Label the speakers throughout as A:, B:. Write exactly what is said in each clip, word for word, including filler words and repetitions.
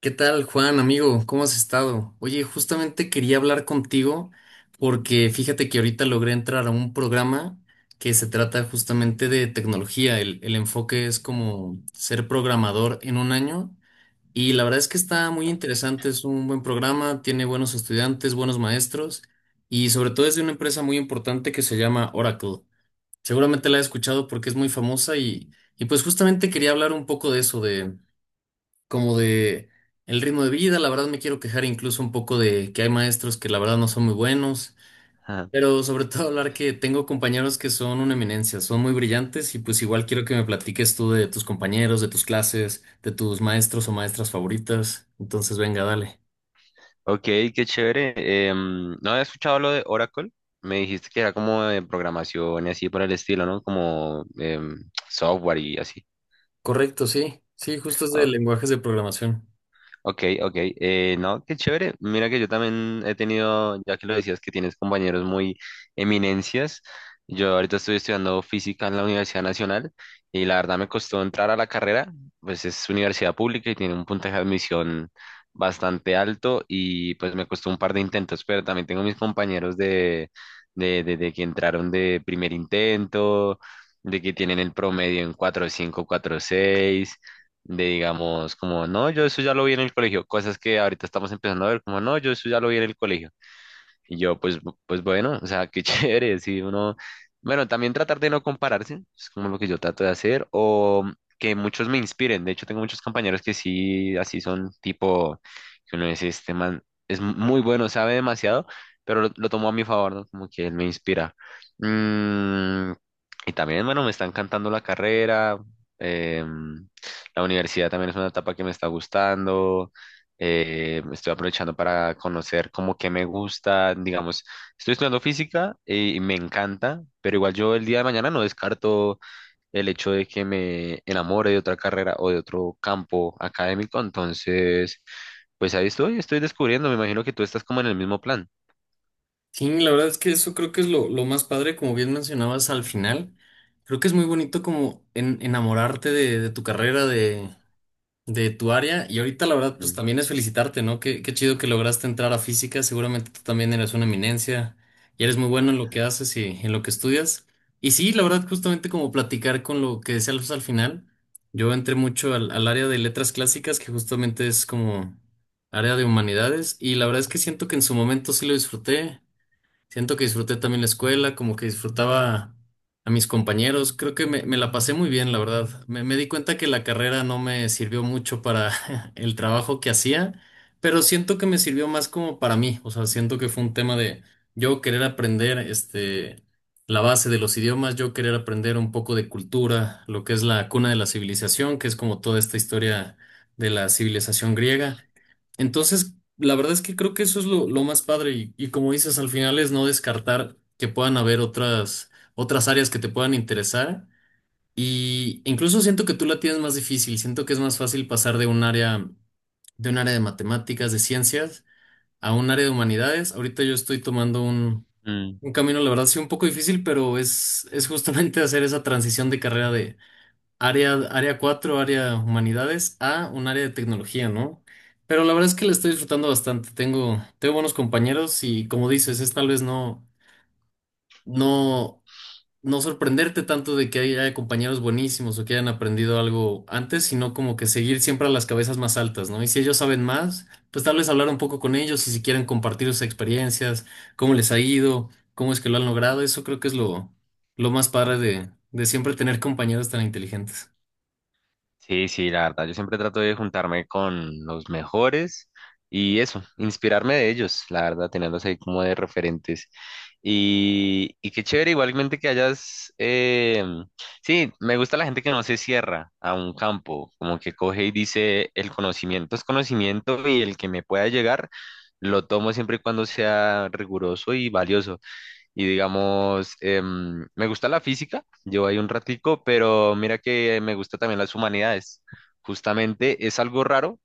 A: ¿Qué tal, Juan, amigo? ¿Cómo has estado? Oye, justamente quería hablar contigo porque fíjate que ahorita logré entrar a un programa que se trata justamente de tecnología. El, el enfoque es como ser programador en un año y la verdad es que está muy interesante, es un buen programa, tiene buenos estudiantes, buenos maestros y sobre todo es de una empresa muy importante que se llama Oracle. Seguramente la has escuchado porque es muy famosa y, y pues justamente quería hablar un poco de eso, como de el ritmo de vida. La verdad me quiero quejar incluso un poco de que hay maestros que la verdad no son muy buenos,
B: Ajá.
A: pero sobre todo hablar que tengo compañeros que son una eminencia, son muy brillantes y pues igual quiero que me platiques tú de tus compañeros, de tus clases, de tus maestros o maestras favoritas. Entonces, venga, dale.
B: Ok, qué chévere. Em, no había escuchado lo de Oracle. Me dijiste que era como de programación y así por el estilo, ¿no? Como em, software y así.
A: Correcto, sí. Sí, justo es de lenguajes de programación.
B: Ok, ok. Eh, no, qué chévere. Mira que yo también he tenido, ya que lo decías, que tienes compañeros muy eminencias. Yo ahorita estoy estudiando física en la Universidad Nacional y la verdad me costó entrar a la carrera, pues es universidad pública y tiene un puntaje de admisión bastante alto y pues me costó un par de intentos, pero también tengo mis compañeros de, de, de, de que entraron de primer intento, de que tienen el promedio en cuatro punto cinco, seis de digamos, como, no, yo eso ya lo vi en el colegio, cosas que ahorita estamos empezando a ver, como, no, yo eso ya lo vi en el colegio. Y yo, pues, bu- pues bueno, o sea, qué chévere, si uno, bueno, también tratar de no compararse, es como lo que yo trato de hacer, o que muchos me inspiren. De hecho, tengo muchos compañeros que sí, así son, tipo, que uno dice, este man es muy bueno, sabe demasiado, pero lo, lo tomo a mi favor, ¿no? Como que él me inspira. Mm, y también, bueno, me está encantando la carrera, em, la universidad también es una etapa que me está gustando. Eh, estoy aprovechando para conocer como que me gusta, digamos, estoy estudiando física eh, y me encanta, pero igual yo el día de mañana no descarto el hecho de que me enamore de otra carrera o de otro campo académico, entonces, pues ahí estoy, estoy descubriendo, me imagino que tú estás como en el mismo plan.
A: Sí, la verdad es que eso creo que es lo, lo más padre, como bien mencionabas al final. Creo que es muy bonito como en- enamorarte de, de tu carrera, de, de tu área. Y ahorita la verdad, pues
B: Mm.
A: también es felicitarte, ¿no? Qué, qué chido que lograste entrar a física. Seguramente tú también eres una eminencia y eres muy bueno en lo que haces y en lo que estudias. Y sí, la verdad, justamente como platicar con lo que decía Alfonso al final, yo entré mucho al, al área de letras clásicas, que justamente es como área de humanidades. Y la verdad es que siento que en su momento sí lo disfruté. Siento que disfruté también la escuela, como que disfrutaba a mis compañeros. Creo que me, me la pasé muy bien, la verdad. Me, me di cuenta que la carrera no me sirvió mucho para el trabajo que hacía, pero siento que me sirvió más como para mí. O sea, siento que fue un tema de yo querer aprender este, la base de los idiomas, yo querer aprender un poco de cultura, lo que es la cuna de la civilización, que es como toda esta historia de la civilización griega. Entonces, la verdad es que creo que eso es lo, lo más padre y, y como dices, al final es no descartar que puedan haber otras, otras áreas que te puedan interesar y incluso siento que tú la tienes más difícil, siento que es más fácil pasar de un área, de un área de matemáticas, de ciencias, a un área de humanidades. Ahorita yo estoy tomando un,
B: Mm.
A: un camino, la verdad, sí, un poco difícil, pero es, es justamente hacer esa transición de carrera área, área cuatro área humanidades, a un área de tecnología, ¿no? Pero la verdad es que la estoy disfrutando bastante. Tengo, tengo buenos compañeros y como dices, es tal vez no, no, no sorprenderte tanto de que haya compañeros buenísimos o que hayan aprendido algo antes, sino como que seguir siempre a las cabezas más altas, ¿no? Y si ellos saben más, pues tal vez hablar un poco con ellos y si quieren compartir sus experiencias, cómo les ha ido, cómo es que lo han logrado, eso creo que es lo, lo más padre de, de siempre tener compañeros tan inteligentes.
B: Sí, sí, la verdad, yo siempre trato de juntarme con los mejores y eso, inspirarme de ellos, la verdad, tenerlos ahí como de referentes. Y, y qué chévere igualmente que hayas, eh, sí, me gusta la gente que no se cierra a un campo, como que coge y dice, el conocimiento es conocimiento y el que me pueda llegar, lo tomo siempre y cuando sea riguroso y valioso. Y digamos, em, me gusta la física, llevo ahí un ratico, pero mira que me gusta también las humanidades. Justamente es algo raro.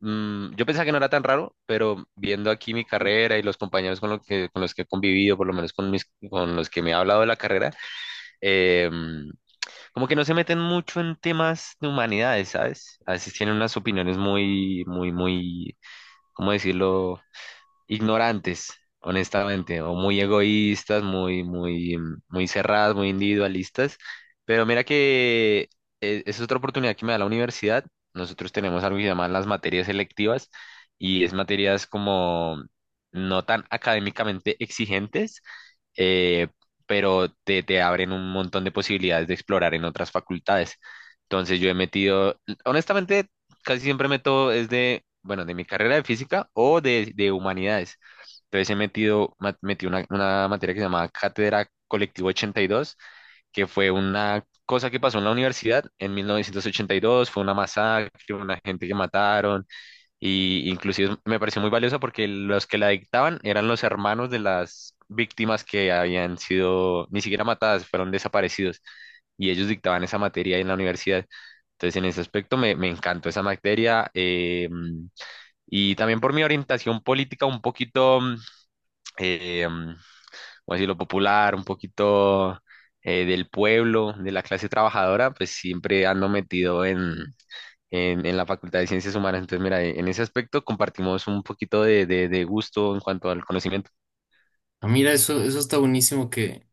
B: Mm, yo pensaba que no era tan raro, pero viendo aquí mi carrera y los compañeros con, lo que, con los que he convivido, por lo menos con, mis, con los que me ha hablado de la carrera, em, como que no se meten mucho en temas de humanidades, ¿sabes? A veces tienen unas opiniones muy, muy, muy, ¿cómo decirlo? Ignorantes, honestamente, o muy egoístas, muy, muy, mm, muy cerradas, muy individualistas. Pero mira que eh, es otra oportunidad que me da la universidad. Nosotros tenemos algo que se llaman las materias selectivas y es materias como no tan académicamente exigentes, eh, pero te, te abren un montón de posibilidades de explorar en otras facultades. Entonces yo he metido, honestamente, casi siempre meto es de, bueno, de mi carrera de física o de, de humanidades. Entonces he metido, ma- metí una, una materia que se llama Cátedra Colectivo ochenta y dos, que fue una cosa que pasó en la universidad en mil novecientos ochenta y dos, fue una masacre, una gente que mataron, y inclusive me pareció muy valiosa porque los que la dictaban eran los hermanos de las víctimas que habían sido ni siquiera matadas, fueron desaparecidos. Y ellos dictaban esa materia en la universidad. Entonces, en ese aspecto me, me encantó esa materia. Eh, y también por mi orientación política un poquito, mm, eh, mm, ¿cómo decirlo? Popular, un poquito eh, del pueblo, de la clase trabajadora, pues siempre ando metido en en, en la Facultad de Ciencias Humanas. Entonces, mira, en ese aspecto compartimos un poquito de, de- de gusto en cuanto al conocimiento.
A: Ah, mira, eso, eso está buenísimo que,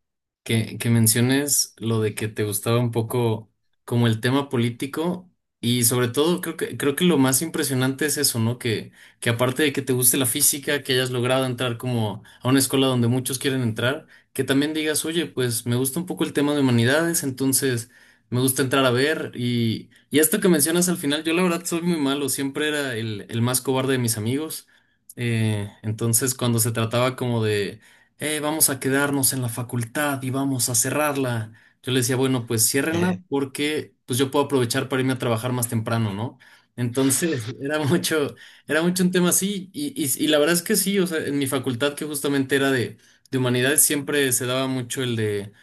A: que, que menciones lo de que te gustaba un poco como el tema político y sobre todo creo que, creo que lo más impresionante es eso, ¿no? Que, que aparte de que te guste la física, que hayas logrado entrar como a una escuela donde muchos quieren entrar, que también digas, oye, pues me gusta un poco el tema de humanidades, entonces me gusta entrar a ver y, y esto que mencionas al final, yo la verdad soy muy malo, siempre era el, el más cobarde de mis amigos. Eh, entonces, cuando se trataba como de, "Eh, vamos a quedarnos en la facultad y vamos a cerrarla." Yo le decía, bueno, pues ciérrenla porque pues yo puedo aprovechar para irme a trabajar más temprano, ¿no? Entonces, era mucho, era mucho un tema así y, y, y la verdad es que sí, o sea, en mi facultad que justamente era de, de humanidades siempre se daba mucho el de...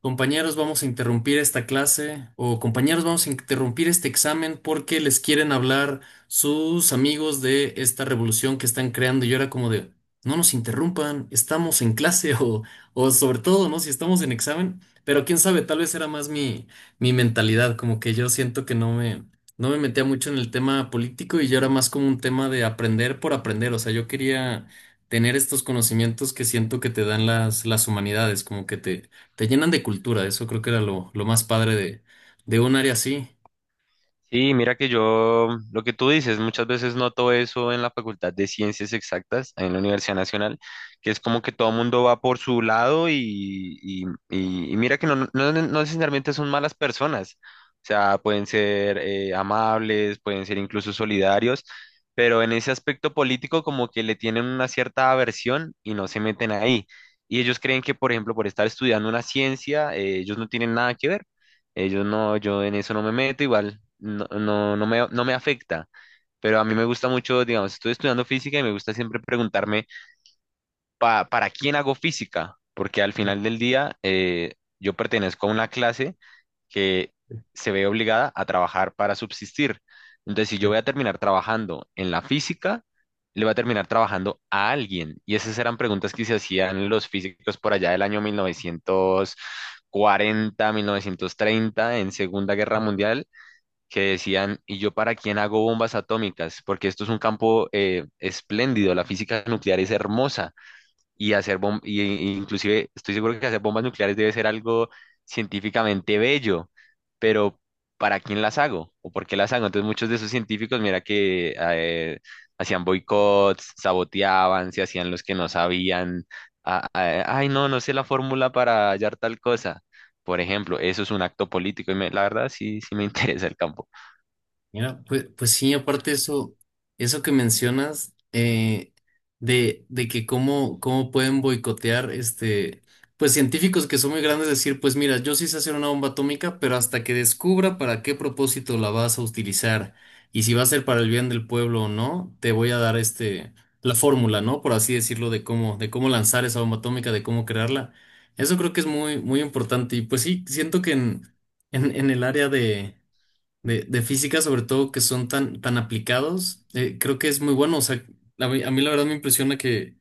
A: Compañeros, vamos a interrumpir esta clase o compañeros, vamos a interrumpir este examen porque les quieren hablar sus amigos de esta revolución que están creando. Y yo era como de, no nos interrumpan, estamos en clase o, o sobre todo, ¿no? Si estamos en examen, pero quién sabe, tal vez era más mi, mi mentalidad, como que yo siento que no me, no me metía mucho en el tema político y yo era más como un tema de aprender por aprender. O sea, yo quería tener estos conocimientos que siento que te dan las, las humanidades, como que te te llenan de cultura, eso creo que era lo, lo más padre de, de un área así.
B: Sí, mira que yo, lo que tú dices, muchas veces noto eso en la Facultad de Ciencias Exactas, ahí en la Universidad Nacional, que es como que todo el mundo va por su lado y, y- y- y mira que no, no, no necesariamente son malas personas, o sea, pueden ser eh, amables, pueden ser incluso solidarios, pero en ese aspecto político como que le tienen una cierta aversión y no se meten ahí. Y ellos creen que, por ejemplo, por estar estudiando una ciencia, eh, ellos no tienen nada que ver. Ellos no, yo en eso no me meto, igual no, no, no me, no me afecta. Pero a mí me gusta mucho, digamos, estoy estudiando física y me gusta siempre preguntarme pa- para quién hago física, porque al final del día eh, yo pertenezco a una clase que se ve obligada a trabajar para subsistir. Entonces, si
A: Sí.
B: yo voy a terminar trabajando en la física, le voy a terminar trabajando a alguien. Y esas eran preguntas que se hacían los físicos por allá del año mil mil novecientos cuarenta, mil novecientos treinta, en Segunda Guerra Mundial, que decían, ¿y yo para quién hago bombas atómicas? Porque esto es un campo eh, espléndido, la física nuclear es hermosa y hacer bom- y, y- inclusive estoy seguro que hacer bombas nucleares debe ser algo científicamente bello, pero ¿para quién las hago? ¿O por qué las hago? Entonces muchos de esos científicos, mira que eh, hacían boicots, saboteaban, se hacían los que no sabían, a- a- ay no, no sé la fórmula para hallar tal cosa. Por ejemplo, eso es un acto político y me- la verdad sí, sí me interesa el campo.
A: Mira, pues, pues sí, aparte eso, eso que mencionas eh, de, de que cómo, cómo pueden boicotear este, pues científicos que son muy grandes, decir, pues mira, yo sí sé hacer una bomba atómica, pero hasta que descubra para qué propósito la vas a utilizar y si va a ser para el bien del pueblo o no, te voy a dar este, la fórmula, ¿no? Por así decirlo, de cómo, de cómo lanzar esa bomba atómica, de cómo crearla. Eso creo que es muy, muy importante y pues sí, siento que en, en, en el área de de, de física, sobre todo que son tan, tan aplicados, eh, creo que es muy bueno. O sea, a mí, a mí la verdad me impresiona que,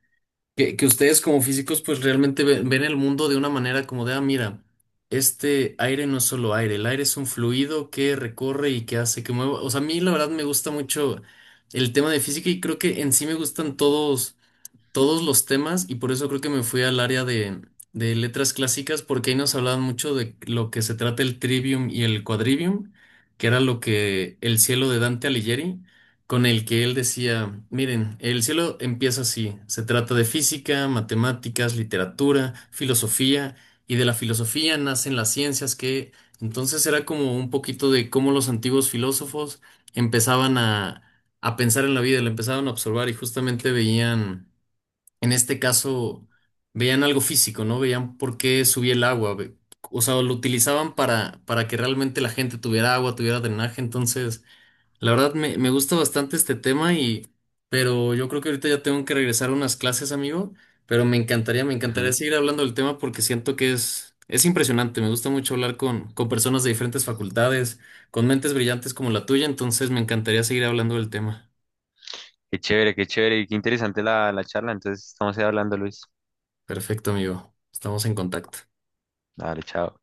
A: que, que ustedes como físicos pues realmente ve- ven el mundo de una manera como de, ah, mira, este aire no es solo aire, el aire es un fluido que recorre y que hace que mueva. O sea, a mí la verdad me gusta mucho el tema de física y creo que en sí me gustan todos todos los temas y por eso creo que me fui al área de, de letras clásicas porque ahí nos hablaban mucho de lo que se trata el trivium y el quadrivium, que era lo que el cielo de Dante Alighieri, con el que él decía, miren, el cielo empieza así, se trata de física, matemáticas, literatura, filosofía y de la filosofía nacen las ciencias que entonces era como un poquito de cómo los antiguos filósofos empezaban a, a pensar en la vida, la empezaban a observar y justamente veían en este caso veían algo físico, ¿no? Veían por qué subía el agua. ve- O sea, lo utilizaban para, para que realmente la gente tuviera agua, tuviera drenaje. Entonces, la verdad me, me gusta bastante este tema y, pero yo creo que ahorita ya tengo que regresar a unas clases, amigo. Pero me encantaría, me encantaría
B: Ujú.
A: seguir hablando del tema porque siento que es, es impresionante. Me gusta mucho hablar con, con personas de diferentes facultades, con mentes brillantes como la tuya. Entonces, me encantaría seguir hablando del tema.
B: Qué chévere, qué chévere y qué interesante la, la charla. Entonces estamos ahí hablando, Luis.
A: Perfecto, amigo. Estamos en contacto.
B: Dale, chao.